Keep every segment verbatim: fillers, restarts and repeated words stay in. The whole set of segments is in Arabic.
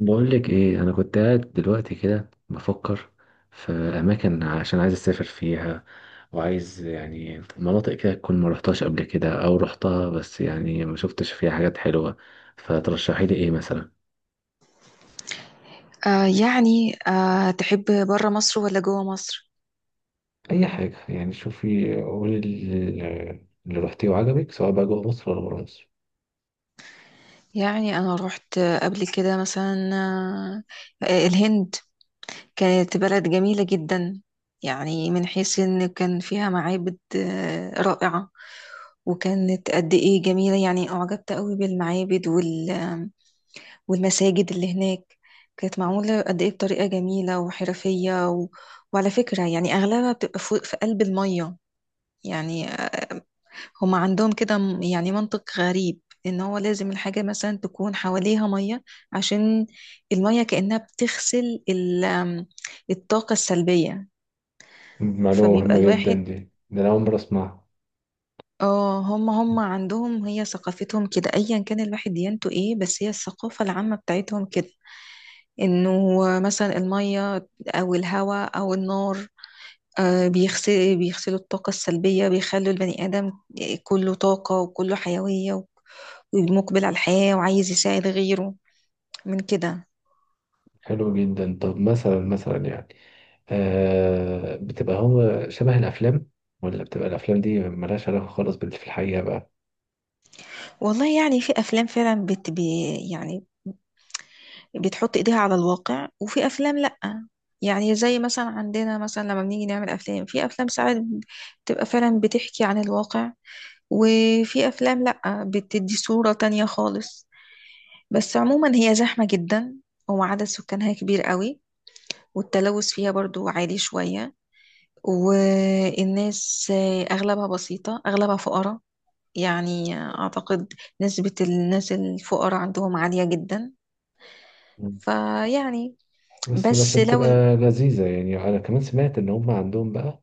بقول لك ايه، انا كنت قاعد دلوقتي كده بفكر في اماكن عشان عايز اسافر فيها، وعايز يعني مناطق كده تكون ما رحتهاش قبل كده او رحتها بس يعني ما شفتش فيها حاجات حلوة. فترشحي لي ايه مثلا؟ آه يعني آه تحب برا مصر ولا جوا مصر؟ اي حاجه، يعني شوفي قولي اللي اللي رحتيه وعجبك سواء بقى جوه مصر ولا بره مصر. يعني أنا روحت قبل كده مثلا آه آه، الهند كانت بلد جميلة جدا. يعني من حيث إن كان فيها معابد آه رائعة، وكانت قد إيه جميلة. يعني أعجبت قوي بالمعابد وال والمساجد اللي هناك، كانت معمولة قد إيه بطريقة جميلة وحرفية و... وعلى فكرة يعني أغلبها بتبقى فوق في قلب المية. يعني هما عندهم كده م- يعني منطق غريب، ان هو لازم الحاجة مثلا تكون حواليها مية عشان المية كأنها بتغسل ال- آم، الطاقة السلبية. معلومه فبيبقى مهمه جدا الواحد، دي، ده انا اول مره اسمعها. اه هما هما عندهم هي ثقافتهم كده، ايا كان الواحد ديانته ايه، بس هي الثقافة العامة بتاعتهم كده، انه مثلا المية او الهواء او النار آه، بيغسل بيغسلوا الطاقة السلبية، بيخلوا البني آدم آه، كله طاقة وكله حيوية، مقبل على الحياة وعايز يساعد غيره من كده. حلو جدا. طب مثلا مثلا يعني، آه بتبقى هو شبه الأفلام، ولا بتبقى الأفلام دي ملهاش علاقة خالص باللي في الحقيقة بقى؟ والله يعني في أفلام فعلا بت بي يعني بتحط إيديها على الواقع، وفي أفلام لأ. يعني زي مثلا عندنا، مثلا لما بنيجي نعمل أفلام، في أفلام ساعات بتبقى فعلا بتحكي عن الواقع، وفي أفلام لأ، بتدي صورة تانية خالص. بس عموما هي زحمة جدا، وعدد سكانها كبير قوي، والتلوث فيها برضو عالي شوية، والناس أغلبها بسيطة، أغلبها فقراء. يعني أعتقد نسبة الناس الفقراء عندهم عالية جدا. مم. فيعني بس بس بس لو بتبقى ال- لذيذة يعني. أنا كمان سمعت إن هم عندهم بقى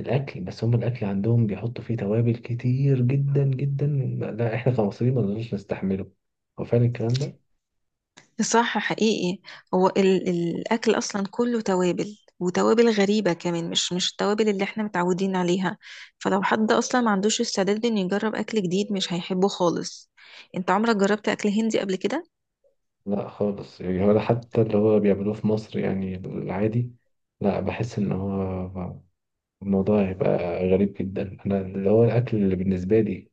الأكل، بس هم الأكل عندهم بيحطوا فيه توابل كتير جدا جدا، لا إحنا كمصريين ما نقدرش نستحمله. هو فعلا الكلام ده؟ صح، حقيقي. هو ال الأكل أصلا كله توابل، وتوابل غريبة كمان، مش مش التوابل اللي احنا متعودين عليها. فلو حد أصلا ما عندوش استعداد إنه يجرب أكل جديد، مش هيحبه خالص. انت عمرك جربت أكل هندي قبل كده؟ لا خالص، يعني ولا حتى اللي هو بيعملوه في مصر يعني العادي. لا، بحس إن هو الموضوع هيبقى غريب جدا أنا. اللي هو الأكل اللي بالنسبة لي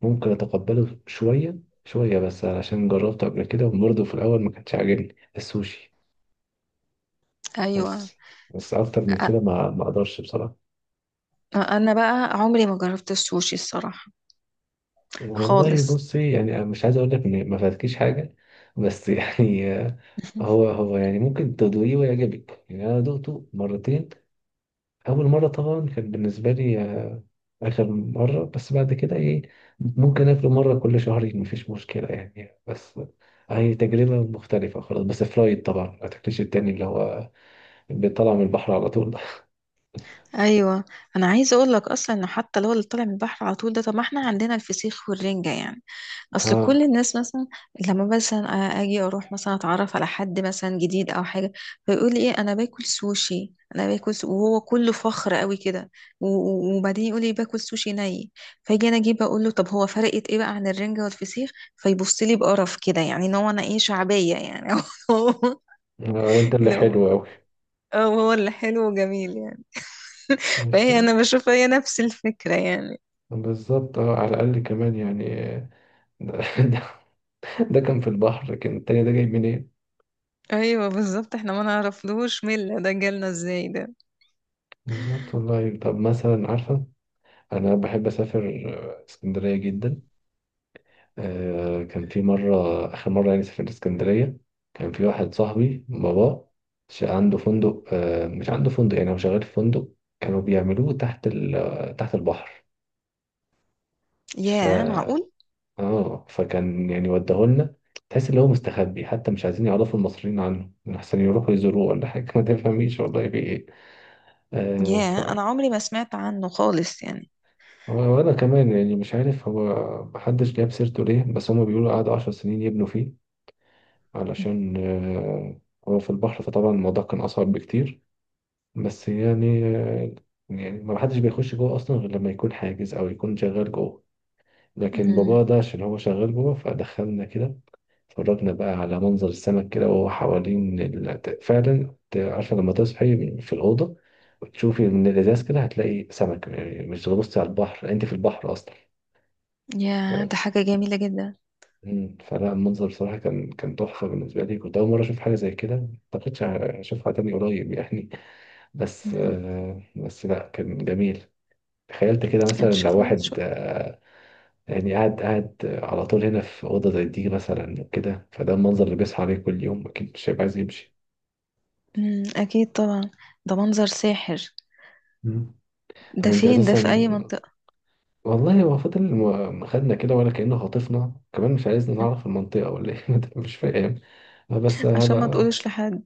ممكن اتقبله شويه شويه بس، علشان جربته قبل كده، وبرضه في الاول ما كانش عاجبني السوشي. ايوه. بس بس اكتر من كده أ- ما ما اقدرش بصراحه. انا بقى عمري ما جربت السوشي الصراحه والله خالص. بصي، يعني أنا مش عايز اقول لك ان ما فاتكيش حاجه، بس يعني، آه، هو هو يعني ممكن تدوقيه ويعجبك يعني. انا دوقته مرتين، أول مرة طبعا كان بالنسبة لي آه، آخر مرة. بس بعد كده إيه، ممكن آكله مرة كل شهرين مفيش مشكلة يعني. بس هي تجربة مختلفة خلاص، بس فرايد طبعا، ما تاكلش التاني اللي هو بيطلع من البحر على طول ده ايوه، انا عايزه اقول لك اصلا ان حتى لو اللي طالع من البحر على طول ده، طب ما احنا عندنا الفسيخ والرنجه يعني. اصل اه كل الناس مثلا لما مثلا أ- اجي اروح مثلا اتعرف على حد مثلا جديد او حاجه، فيقول لي ايه، انا باكل سوشي، انا باكل سو... وهو كله فخر قوي كده، و- و- وبعدين يقول لي باكل سوشي ني. فاجي انا اجيب اقول له، طب هو فرقت ايه بقى عن الرنجه والفسيخ؟ فيبص لي بقرف كده، يعني ان هو انا ايه، شعبيه يعني. آه، انت اللي لو حلو أوي. هو اللي حلو وجميل يعني. مش فهي انا بشوف هي نفس الفكرة يعني. بالظبط، اه على الأقل كمان يعني، آه، ده, ده, ده كان في البحر، لكن التاني ده جاي منين؟ ايوه بالظبط، احنا ما نعرفلوش مين اللي ده جالنا ازاي ده. بالظبط والله. طب مثلا عارفة، أنا بحب أسافر آه، اسكندرية جدا. آه، كان في مرة، آخر مرة يعني سافرت اسكندرية، كان في واحد صاحبي بابا ش- عنده فندق، آه، مش عنده فندق، يعني هو شغال في فندق، كانوا بيعملوه تحت ال... تحت البحر. ف ياه، معقول! اه فكان يعني وداهولنا. تحس ان هو مستخبي، حتى مش عايزين يعرفوا المصريين عنه، احسن يروحوا يزوروه ولا حاجة ما تفهميش والله في ايه. آه، ف ياه، انا عمري ما سمعت عنه خالص يعني. وانا كمان يعني مش عارف هو محدش جاب سيرته ليه. بس هما بيقولوا قعدوا عشر سنين يبنوا فيه، علشان آه، هو في البحر، فطبعا الموضوع كان أصعب بكتير. بس يعني آه، يعني ما حدش بيخش جوه أصلا غير لما يكون حاجز أو يكون شغال جوه، لكن امم. بابا ده عشان هو شغال جوه فدخلنا كده. اتفرجنا بقى على منظر السمك كده، وهو حوالين ال... فعلا ت- عارفة لما تصحي في الأوضة وتشوفي من الإزاز كده، هتلاقي سمك، يعني مش بتبصي على البحر، أنت في البحر أصلا. ياه، ده حاجة جميلة جدا. مم. فلا المنظر بصراحة كان كان تحفة بالنسبة لي، كنت أول مرة أشوف حاجة زي كده. ما أعتقدش أشوفها تاني قريب يعني، بس مم. آه، بس لا كان جميل. تخيلت كده ان مثلا لو شاء الله واحد، تشوف. آه، يعني قاعد قاعد على طول هنا في أوضة زي دي مثلا وكده، فده المنظر اللي بيصحى عليه كل يوم، أكيد مش هيبقى عايز يمشي. مم. اكيد طبعا، ده منظر ساحر. مم. طب ده أنت فين ده، أساسا، في اي منطقة؟ والله هو فضل م- خدنا كده، ولا كأنه خاطفنا، كمان مش عايزنا مم. نعرف المنطقة ولا إيه مش فاهم، بس عشان ما هبقى تقولش لحد.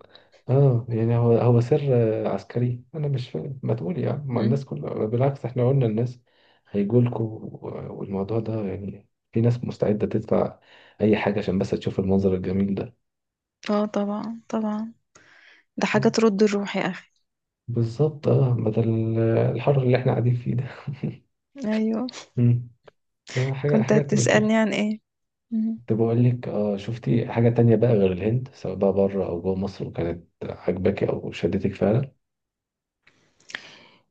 اه. يعني هو هو سر آه، عسكري، انا مش فاهم. ما تقول يا عم، ما مم. الناس كلها بالعكس، احنا قلنا الناس هيجولكوا، و- والموضوع ده يعني في ناس مستعدة تدفع اي حاجة عشان بس تشوف المنظر الجميل ده. اه طبعا طبعا، ده حاجة مم. ترد الروح يا اخي. بالظبط، اه بدل آه، الحر اللي احنا قاعدين فيه ده ايوه. مم. آه، حاجة كنت حاجات من كده. هتسألني عن ايه؟ مم. كنت بقول لك اه، شفتي حاجة تانية بقى غير الهند، سواء بقى بره او جوه مصر، وكانت عاجباكي او شدتك فعلا؟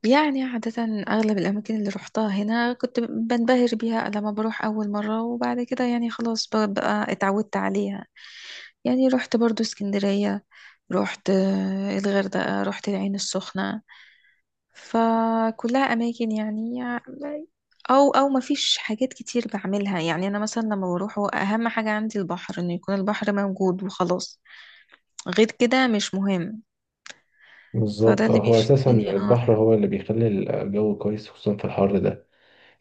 يعني عادة أغلب الأماكن اللي روحتها هنا كنت بنبهر بيها لما بروح أول مرة، وبعد كده يعني خلاص ب- بقى اتعودت عليها. يعني رحت برضو اسكندرية، رحت آه، الغردقة، رحت العين السخنة. فكلها أماكن يعني، أو أو ما فيش حاجات كتير بعملها. يعني أنا مثلا لما بروح، هو أهم حاجة عندي البحر، إنه يكون البحر موجود وخلاص، غير كده مش مهم. فده بالظبط. اللي آه، هو اساسا بيشدني، اه. البحر هو اللي بيخلي الجو كويس، خصوصا في الحر ده.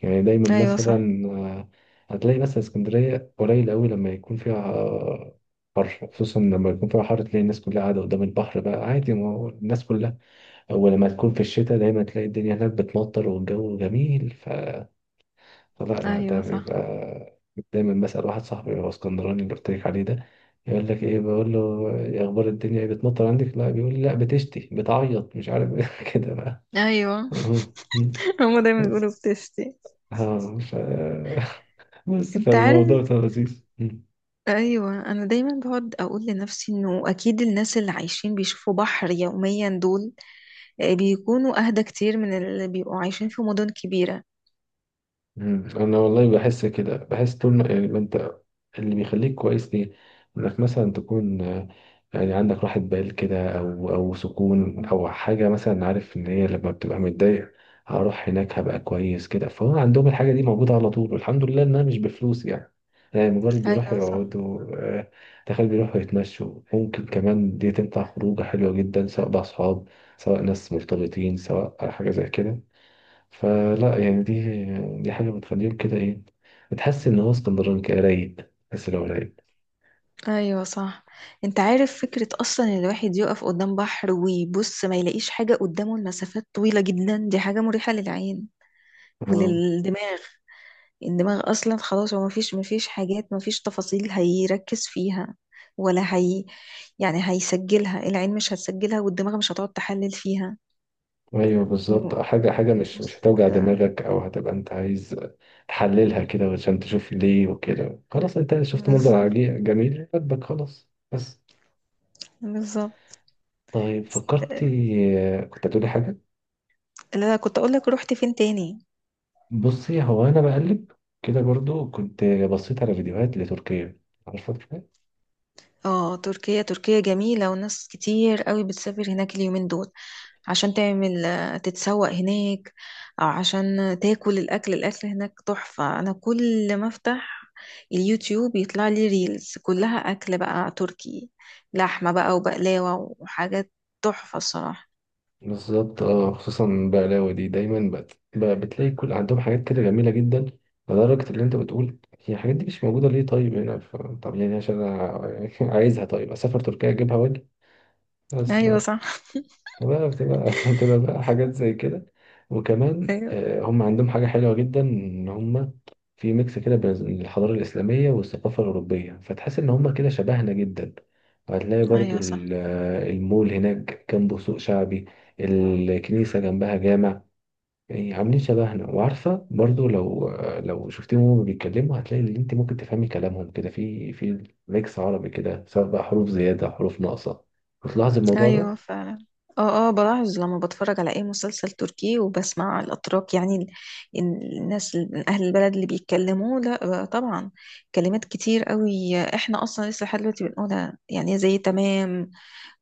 يعني دايما أيوة مثلا صح. آه، هتلاقي مثلا اسكندرية قليل قوي لما يكون فيها آه، حر، خصوصا لما يكون فيها حر، تلاقي الناس كلها قاعدة قدام البحر، بقى عادي ما هو الناس كلها. أو لما تكون في الشتاء، دايما تلاقي الدنيا هناك بتمطر والجو جميل، ف... فلا لا ده أيوة صح. بيبقى، دايما بسأل واحد صاحبي، هو اسكندراني، اللي قلت لك عليه ده، يقول لك ايه؟ بقول له يا اخبار الدنيا ايه، بتمطر عندك؟ لا بيقول لي لا بتشتي، بتعيط، مش عارف إيه كده بقى. أيوة. هما دايما بس بيقولوا بتشتي. اه ف بس انت عارف، فالموضوع كان لذيذ. ايوه انا دايما بقعد اقول لنفسي انه اكيد الناس اللي عايشين بيشوفوا بحر يوميا دول آه، بيكونوا اهدى كتير من اللي بيبقوا عايشين في مدن كبيرة. مم. انا والله بحس كده، بحس طول ما يعني ما انت، اللي بيخليك كويس ليه انك مثلا تكون آه، يعني عندك راحة بال كده، او او سكون او حاجة، مثلا عارف ان هي لما بتبقى متضايق، هروح هناك هبقى كويس كده. فهو عندهم الحاجة دي موجودة على طول، والحمد لله انها مش بفلوس يعني، يعني مجرد بيروحوا ايوه صح. يقعدوا آه، تخيل، بيروحوا يتمشوا، ممكن كمان دي تنفع خروجة حلوة جدا، سواء بأصحاب، سواء ناس مرتبطين، سواء حاجة زي كده. فلا يعني دي دي حاجة بتخليهم كده ايه، بتحس ان هو اسكندراني كده رايق، بس لو رايق ايوه صح. انت عارف، فكرة اصلا ان الواحد يقف قدام بحر ويبص، ما يلاقيش حاجة قدامه، المسافات طويلة جدا، دي حاجة مريحة للعين اه. وللدماغ. الدماغ اصلا خلاص، هو مفيش مفيش حاجات، مفيش تفاصيل هيركز فيها، ولا هي يعني هيسجلها العين، مش هتسجلها، والدماغ مش هتقعد تحلل فيها. ايوه بالظبط. هو آه، حاجة حاجة مش مش بيبص هتوجع كده. دماغك، او هتبقى انت عايز تحللها كده عشان تشوف ليه وكده، خلاص انت شفت منظر بالظبط. عجي- جميل عجبك، خلاص بس. بالظبط. طيب فكرتي، كنت هتقولي حاجة. لا كنت اقول لك رحت فين تاني. بصي هو انا بقلب كده برضو، كنت بصيت على فيديوهات لتركيا، عارفة تركيا؟ اه، تركيا. تركيا جميلة، وناس كتير قوي بتسافر هناك اليومين دول عشان تعمل آه، تتسوق هناك، او عشان تاكل الاكل. الاكل هناك تحفة. انا كل ما افتح اليوتيوب، يطلع لي ريلز كلها اكل بقى تركي، لحمة بقى وبقلاوة وحاجات تحفة الصراحة. بالظبط اه. خصوصا بقلاوة دي دايما بت... ب- بتلاقي كل عندهم حاجات كده جميلة جدا، لدرجة اللي انت بتقول هي الحاجات دي مش موجودة ليه طيب هنا، ف... طب يعني عشان انا عايزها، طيب اسافر تركيا اجيبها واجي بس ايوه بقى. صح. فبقى بتبقى بتبقى بقى حاجات زي كده. وكمان ايوه. آه، هم عندهم حاجة حلوة جدا، إن هم في ميكس كده بين الحضارة الإسلامية والثقافة الأوروبية، فتحس إن هم كده شبهنا جدا. وهتلاقي برضو ايوه صح. ال- آه، المول هناك جنبه سوق شعبي، الكنيسة جنبها جامع، يعني عاملين شبهنا. وعارفة برضو، لو آه، لو شفتيهم وهم بيتكلموا، هتلاقي إن أنت ممكن تفهمي كلامهم كده، في في ميكس عربي كده، سواء بقى حروف زيادة حروف ناقصة، بتلاحظي الموضوع ده؟ ايوه فعلا، اه اه بلاحظ لما بتفرج على اي مسلسل تركي، وبسمع الاتراك، يعني ال- ال- الناس ال- من اهل البلد اللي بيتكلموا، لا بقى طبعا كلمات كتير قوي احنا اصلا لسه لحد دلوقتي بنقولها، يعني زي تمام،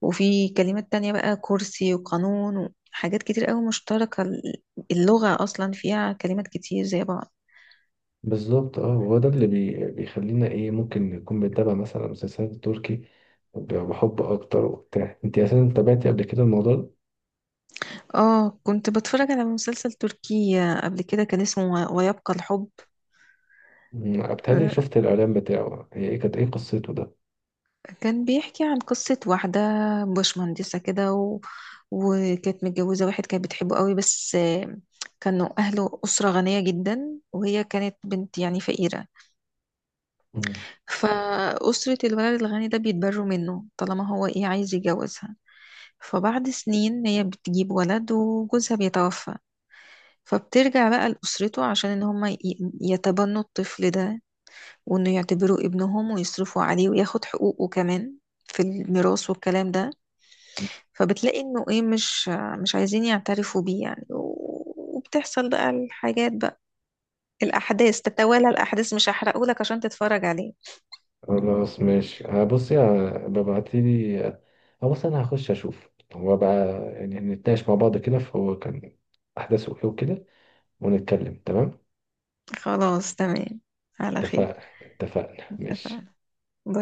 وفي كلمات تانية بقى، كرسي وقانون وحاجات كتير قوي مشتركة. ال- اللغة اصلا فيها كلمات كتير زي بعض. بالظبط اه. وهو ده اللي بي... بيخلينا ايه، ممكن نكون بنتابع مثلا مسلسلات تركي، ب- بحب اكتر وبتاع. انت اساسا تابعتي قبل كده الموضوع ده؟ اه كنت بتفرج على مسلسل تركي قبل كده، كان اسمه ويبقى الحب. مم، بتهيألي آه، شفت الاعلان بتاعه، هي ايه كانت، ايه قصته ده؟ كان بيحكي عن قصة واحدة بشمهندسة كده و... وكانت متجوزة واحد كانت بتحبه قوي، بس آه، كانوا أهله أسرة غنية جدا، وهي كانت بنت يعني فقيرة. مم. فأسرة الولد الغني ده بيتبروا منه طالما هو إيه، عايز يتجوزها. فبعد سنين هي بتجيب ولد، وجوزها بيتوفى، فبترجع بقى لأسرته عشان إن هما ي- يتبنوا الطفل ده، وإنه يعتبروه ابنهم ويصرفوا عليه وياخد حقوقه كمان في الميراث والكلام ده. فبتلاقي إنه إيه، مش مش عايزين يعترفوا بيه يعني، و- وبتحصل بقى الحاجات بقى، الأحداث تتوالى. الأحداث مش هحرقهولك عشان تتفرج عليه. خلاص ماشي، هبصي، ه- ببعتيلي هو. بص انا هخش اشوف هو بقى، يعني نتناقش مع بعض كده، فهو كان احداثه ايه وكده، ونتكلم. تمام، خلاص تمام. على خير. اتفقنا، اتفقنا، ماشي. اتفقنا. باي.